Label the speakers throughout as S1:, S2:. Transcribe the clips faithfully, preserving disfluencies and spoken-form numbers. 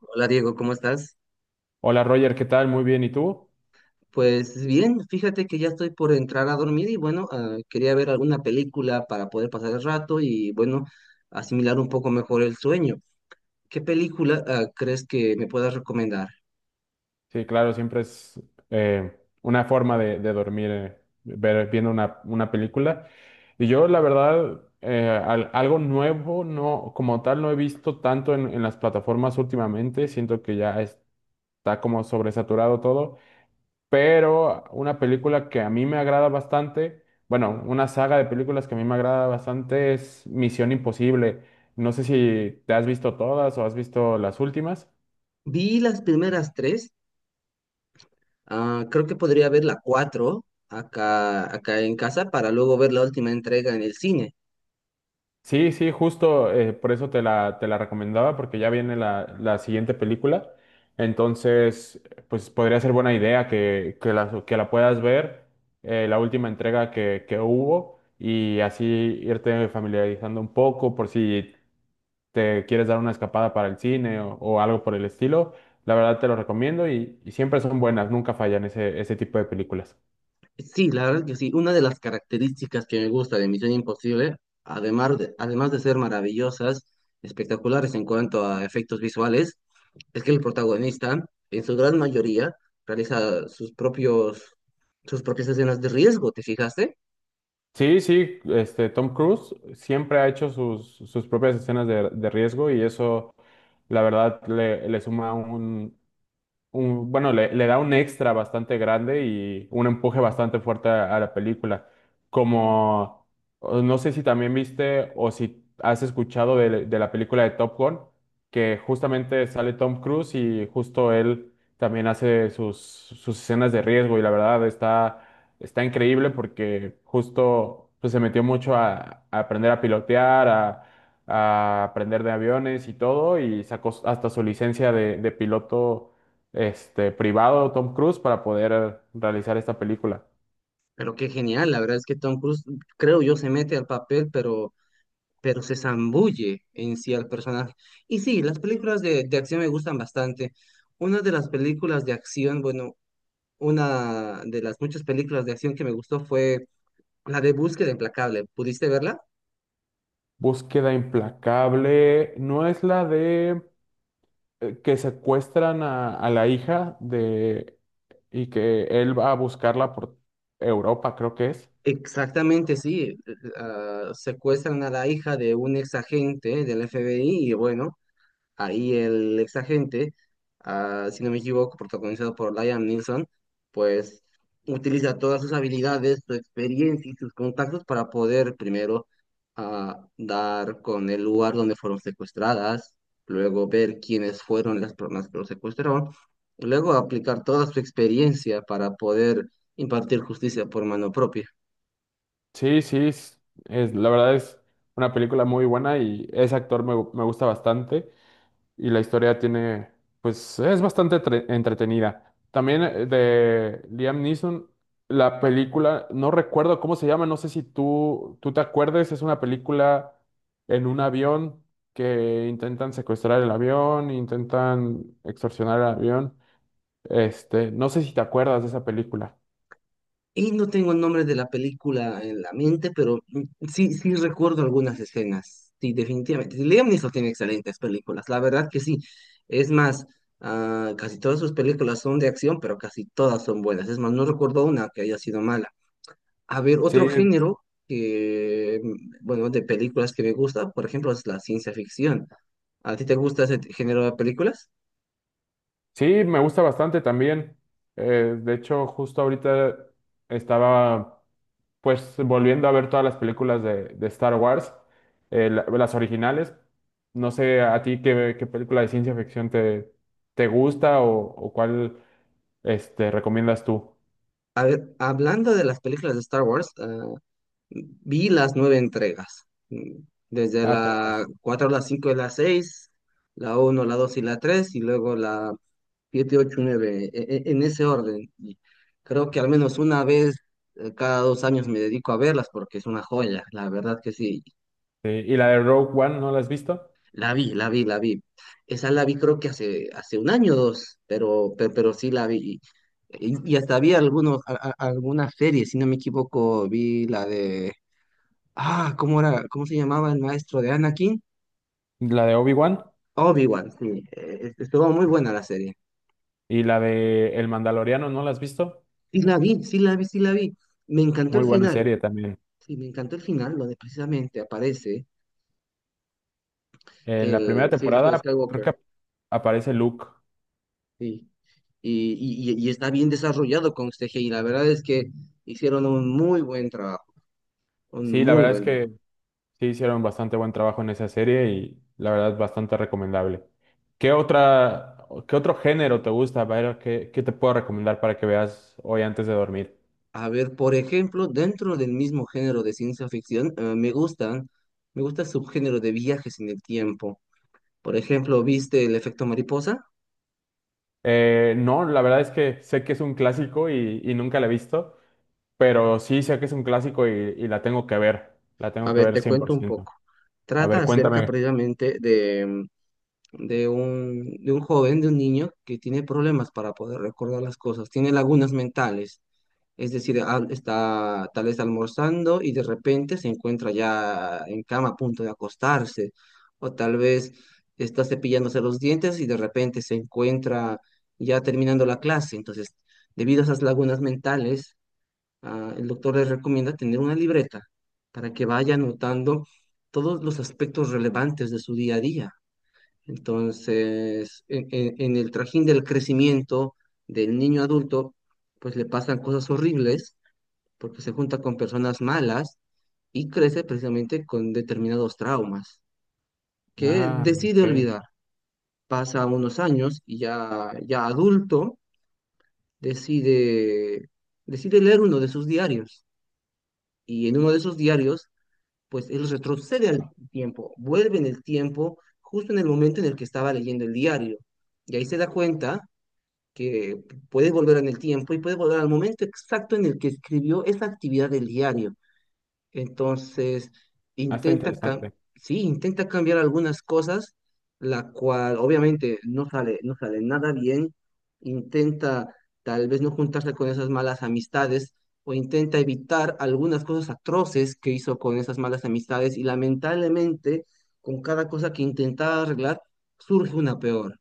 S1: Hola Diego, ¿cómo estás?
S2: Hola Roger, ¿qué tal? Muy bien, ¿y tú?
S1: Pues bien, fíjate que ya estoy por entrar a dormir y bueno, ah, quería ver alguna película para poder pasar el rato y bueno, asimilar un poco mejor el sueño. ¿Qué película ah, crees que me puedas recomendar?
S2: Sí, claro, siempre es eh, una forma de, de dormir, eh, ver, viendo una, una película. Y yo, la verdad, eh, al- algo nuevo, no, como tal, no he visto tanto en, en las plataformas últimamente. Siento que ya está como sobresaturado todo. Pero una película que a mí me agrada bastante, bueno, una saga de películas que a mí me agrada bastante es Misión Imposible. No sé si te has visto todas o has visto las últimas.
S1: Vi las primeras tres, ah, creo que podría ver la cuatro acá, acá en casa para luego ver la última entrega en el cine.
S2: Sí, sí, justo eh, por eso te la, te la recomendaba, porque ya viene la, la siguiente película. Entonces, pues podría ser buena idea que, que la, que la puedas ver, eh, la última entrega que, que hubo, y así irte familiarizando un poco por si te quieres dar una escapada para el cine o, o algo por el estilo. La verdad te lo recomiendo y, y siempre son buenas, nunca fallan ese, ese tipo de películas.
S1: Sí, la verdad que sí. Una de las características que me gusta de Misión Imposible, además de, además de ser maravillosas, espectaculares en cuanto a efectos visuales, es que el protagonista, en su gran mayoría, realiza sus propios, sus propias escenas de riesgo, ¿te fijaste?
S2: Sí, sí, este Tom Cruise siempre ha hecho sus, sus propias escenas de, de riesgo y eso, la verdad, le, le suma un, un- bueno, le, le da un extra bastante grande y un empuje bastante fuerte a, a la película. Como, o no sé si también viste o si has escuchado de, de la película de Top Gun, que justamente sale Tom Cruise y justo él también hace sus, sus escenas de riesgo y la verdad está, está increíble porque justo pues, se metió mucho a, a aprender a pilotear, a a aprender de aviones y todo, y sacó hasta su licencia de, de piloto este, privado de Tom Cruise para poder realizar esta película.
S1: Pero qué genial, la verdad es que Tom Cruise, creo yo, se mete al papel, pero, pero se zambulle en sí al personaje. Y sí, las películas de, de acción me gustan bastante. Una de las películas de acción, bueno, Una de las muchas películas de acción que me gustó fue la de Búsqueda Implacable. ¿Pudiste verla?
S2: Búsqueda implacable, no es la de eh, que secuestran a, a la hija de y que él va a buscarla por Europa, creo que es.
S1: Exactamente, sí. Eh, ah, secuestran a la hija de un ex agente del F B I y bueno, ahí el ex agente, ah, si no me equivoco, protagonizado por Liam Neeson, pues utiliza todas sus habilidades, su experiencia y sus contactos para poder primero ah, dar con el lugar donde fueron secuestradas, luego ver quiénes fueron las personas que lo secuestraron, luego aplicar toda su experiencia para poder impartir justicia por mano propia.
S2: Sí, sí, es, es- la verdad es una película muy buena y ese actor me, gu- me gusta bastante. Y la historia tiene, pues es bastante tre- entretenida. También eh, de Liam Neeson, la película, no recuerdo cómo se llama, no sé si tú, tú te acuerdes, es una película en un avión que intentan secuestrar el avión, intentan extorsionar el avión. Este, no sé si te acuerdas de esa película.
S1: Y no tengo el nombre de la película en la mente, pero mm, sí, sí recuerdo algunas escenas. Sí, definitivamente. Sí, Liam Neeson tiene excelentes películas, la verdad que sí. Es más, ah, casi todas sus películas son de acción, pero casi todas son buenas. Es más, no recuerdo una que haya sido mala. A ver,
S2: Sí,
S1: otro género que, mm, bueno, de películas que me gusta, por ejemplo, es la ciencia ficción. ¿A ti te gusta ese t- género de películas?
S2: sí, me gusta bastante también. Eh, de hecho, justo ahorita estaba, pues volviendo a ver todas las películas de, de Star Wars, eh, la- las originales, no sé a ti qué, qué película de ciencia ficción te, te gusta o, o cuál este, recomiendas tú.
S1: A ver, hablando de las películas de Star Wars, ah, vi las nueve entregas, mm, desde
S2: Ah, todas.
S1: la cuatro a la cinco de la seis, la uno, la dos y la tres y luego la siete, ocho, nueve, e, e, en ese orden. Y creo que al menos una vez eh, cada dos años me dedico a verlas porque es una joya, la verdad que sí.
S2: Sí, ¿y la de Rogue One no la has visto?
S1: La vi, la vi, la vi. Esa la vi creo que hace, hace un año o dos, pero, pe- pero, sí la vi. Y, y hasta vi algunos, a- a- alguna serie, si no me equivoco, vi la de... Ah, ¿cómo era? ¿Cómo se llamaba el maestro de Anakin?
S2: La de Obi-Wan.
S1: Obi-Wan, sí. eh, Estuvo muy buena la serie.
S2: ¿Y la de El Mandaloriano no la has visto?
S1: Sí la vi, sí la vi, sí la vi. Me encantó el
S2: Muy buena
S1: final.
S2: serie también.
S1: Sí, me encantó el final, donde precisamente aparece
S2: En la primera
S1: el, sí, el hijo de
S2: temporada creo
S1: Skywalker.
S2: que ap- aparece Luke.
S1: Sí. Y, y, y- y está bien desarrollado con este C G I. La verdad es que hicieron un muy buen trabajo. Un
S2: Sí, la
S1: muy
S2: verdad es
S1: buen trabajo.
S2: que sí, hicieron bastante buen trabajo en esa serie y la verdad bastante recomendable. ¿Qué otra, qué otro género te gusta, Byron? ¿Qué, qué te puedo recomendar para que veas hoy antes de dormir?
S1: A ver, por ejemplo, dentro del mismo género de ciencia ficción, eh, me gustan, me gusta el subgénero de viajes en el tiempo. Por ejemplo, ¿viste el efecto mariposa?
S2: Eh, no, la verdad es que sé que es un clásico y, y nunca la he visto, pero sí sé que es un clásico y, y la tengo que ver. La
S1: A
S2: tengo que
S1: ver,
S2: ver
S1: te
S2: cien por
S1: cuento un
S2: ciento.
S1: poco.
S2: A
S1: Trata
S2: ver,
S1: acerca
S2: cuéntame.
S1: precisamente de, de un, de un joven, de un niño que tiene problemas para poder recordar las cosas, tiene lagunas mentales. Es decir, al- está tal vez almorzando y de repente se encuentra ya en cama a punto de acostarse. O tal vez está cepillándose los dientes y de repente se encuentra ya terminando la clase. Entonces, debido a esas lagunas mentales, ah, el doctor les recomienda tener una libreta para que vaya anotando todos los aspectos relevantes de su día a día. Entonces, en, en- en el trajín del crecimiento del niño adulto, pues le pasan cosas horribles porque se junta con personas malas y crece precisamente con determinados traumas que
S2: Ah,
S1: decide
S2: ok.
S1: olvidar. Pasa unos años y ya, ya adulto decide, decide leer uno de sus diarios. Y en uno de esos diarios pues él retrocede al tiempo, vuelve en el tiempo justo en el momento en el que estaba leyendo el diario. Y ahí se da cuenta que puede volver en el tiempo y puede volver al momento exacto en el que escribió esa actividad del diario. Entonces,
S2: Ah, está
S1: intenta, cam-
S2: interesante.
S1: sí, intenta cambiar algunas cosas, la cual obviamente no sale, no sale nada bien. Intenta tal vez no juntarse con esas malas amistades o intenta evitar algunas cosas atroces que hizo con esas malas amistades y lamentablemente con cada cosa que intentaba arreglar surge una peor.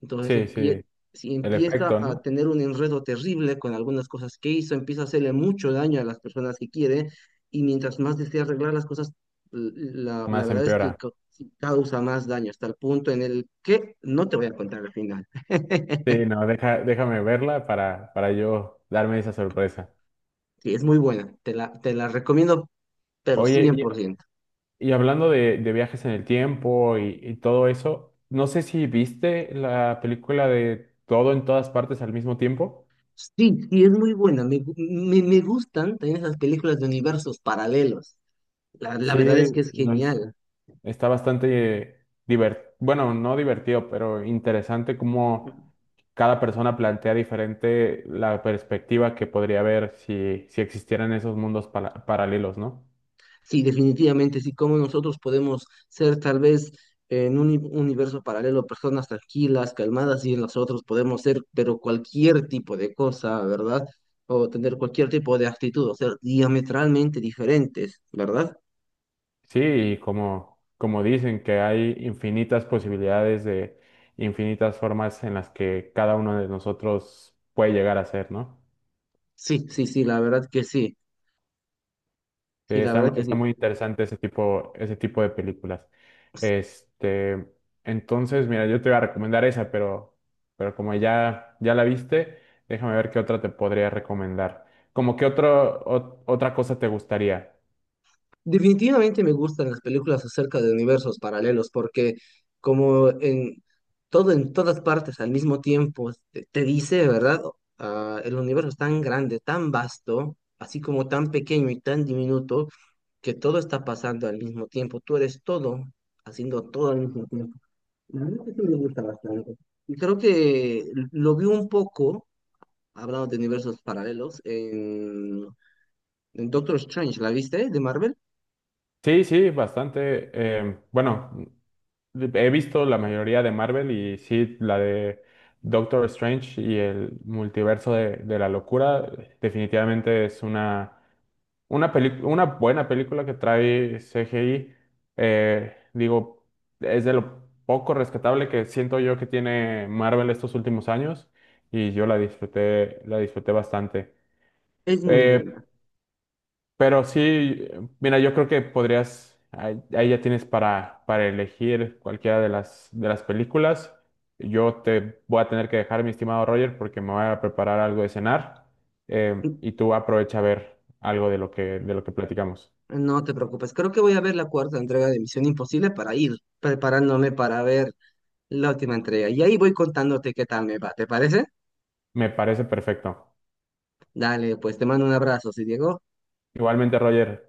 S1: Entonces
S2: Sí, sí.
S1: empie-
S2: El
S1: si empieza
S2: efecto,
S1: a
S2: ¿no?
S1: tener un enredo terrible con algunas cosas que hizo, empieza a hacerle mucho daño a las personas que quiere y mientras más desea arreglar las cosas, l- la, la
S2: Más
S1: verdad es que
S2: empeora.
S1: ca- causa más daño hasta el punto en el que no te voy a contar al final.
S2: Sí, no, deja, déjame verla para, para yo darme esa sorpresa.
S1: Sí, es muy buena, te la, te la recomiendo, pero
S2: Oye,
S1: cien por ciento.
S2: y, y hablando de, de viajes en el tiempo y, y todo eso, no sé si viste la película de Todo en todas partes al mismo tiempo.
S1: Sí, sí, es muy buena, me, gu- me, me gustan también esas películas de universos paralelos. La, la
S2: Sí,
S1: verdad es que es
S2: no es-
S1: genial.
S2: está bastante divertido, bueno, no divertido, pero interesante cómo cada persona plantea diferente la perspectiva que podría haber si, si existieran esos mundos pala- paralelos, ¿no?
S1: Sí, definitivamente, sí, como nosotros podemos ser tal vez en un uni- universo paralelo personas tranquilas, calmadas, y en nosotros podemos ser, pero cualquier tipo de cosa, ¿verdad? O tener cualquier tipo de actitud, o ser diametralmente diferentes, ¿verdad?
S2: Sí, y como, como dicen que hay infinitas posibilidades de infinitas formas en las que cada uno de nosotros puede llegar a ser, ¿no?
S1: Sí, sí, sí, la verdad que sí,
S2: Sí,
S1: sí, la verdad
S2: está,
S1: que
S2: está
S1: sí.
S2: muy interesante ese tipo, ese tipo de películas. Este, entonces, mira, yo te iba a recomendar esa, pero, pero como ya, ya la viste, déjame ver qué otra te podría recomendar. Como qué otro, ot- otra cosa te gustaría.
S1: Definitivamente me gustan las películas acerca de universos paralelos porque como en todo en todas partes al mismo tiempo te, te dice, ¿verdad? Ah, el universo es tan grande, tan vasto, así como tan pequeño y tan diminuto que todo está pasando al mismo tiempo. Tú eres todo, haciendo todo al mismo tiempo. La verdad que sí me gusta bastante. Y creo que lo vi un poco, hablando de universos paralelos, en, en Doctor Strange, ¿la viste? De Marvel.
S2: Sí, sí, bastante. Em, bueno, he visto la mayoría de Marvel y sí, la de Doctor Strange y el multiverso de, de la locura. Definitivamente es una, una, peli- una buena película que trae C G I. Eh, digo, es de lo poco rescatable que siento yo que tiene Marvel estos últimos años y yo la disfruté, la disfruté bastante.
S1: Es muy
S2: Eh,
S1: buena.
S2: pero sí, mira, yo creo que podrías, ahí, ahí ya tienes para, para elegir cualquiera de las, de las películas. Yo te voy a tener que dejar, mi estimado Roger, porque me voy a preparar algo de cenar. Eh, y tú aprovecha a ver algo de lo que, de lo que platicamos.
S1: No te preocupes, creo que voy a ver la cuarta entrega de Misión Imposible para ir preparándome para ver la última entrega. Y ahí voy contándote qué tal me va, ¿te parece?
S2: Me parece perfecto.
S1: Dale, pues te mando un abrazo, sí Diego.
S2: Igualmente, Roger.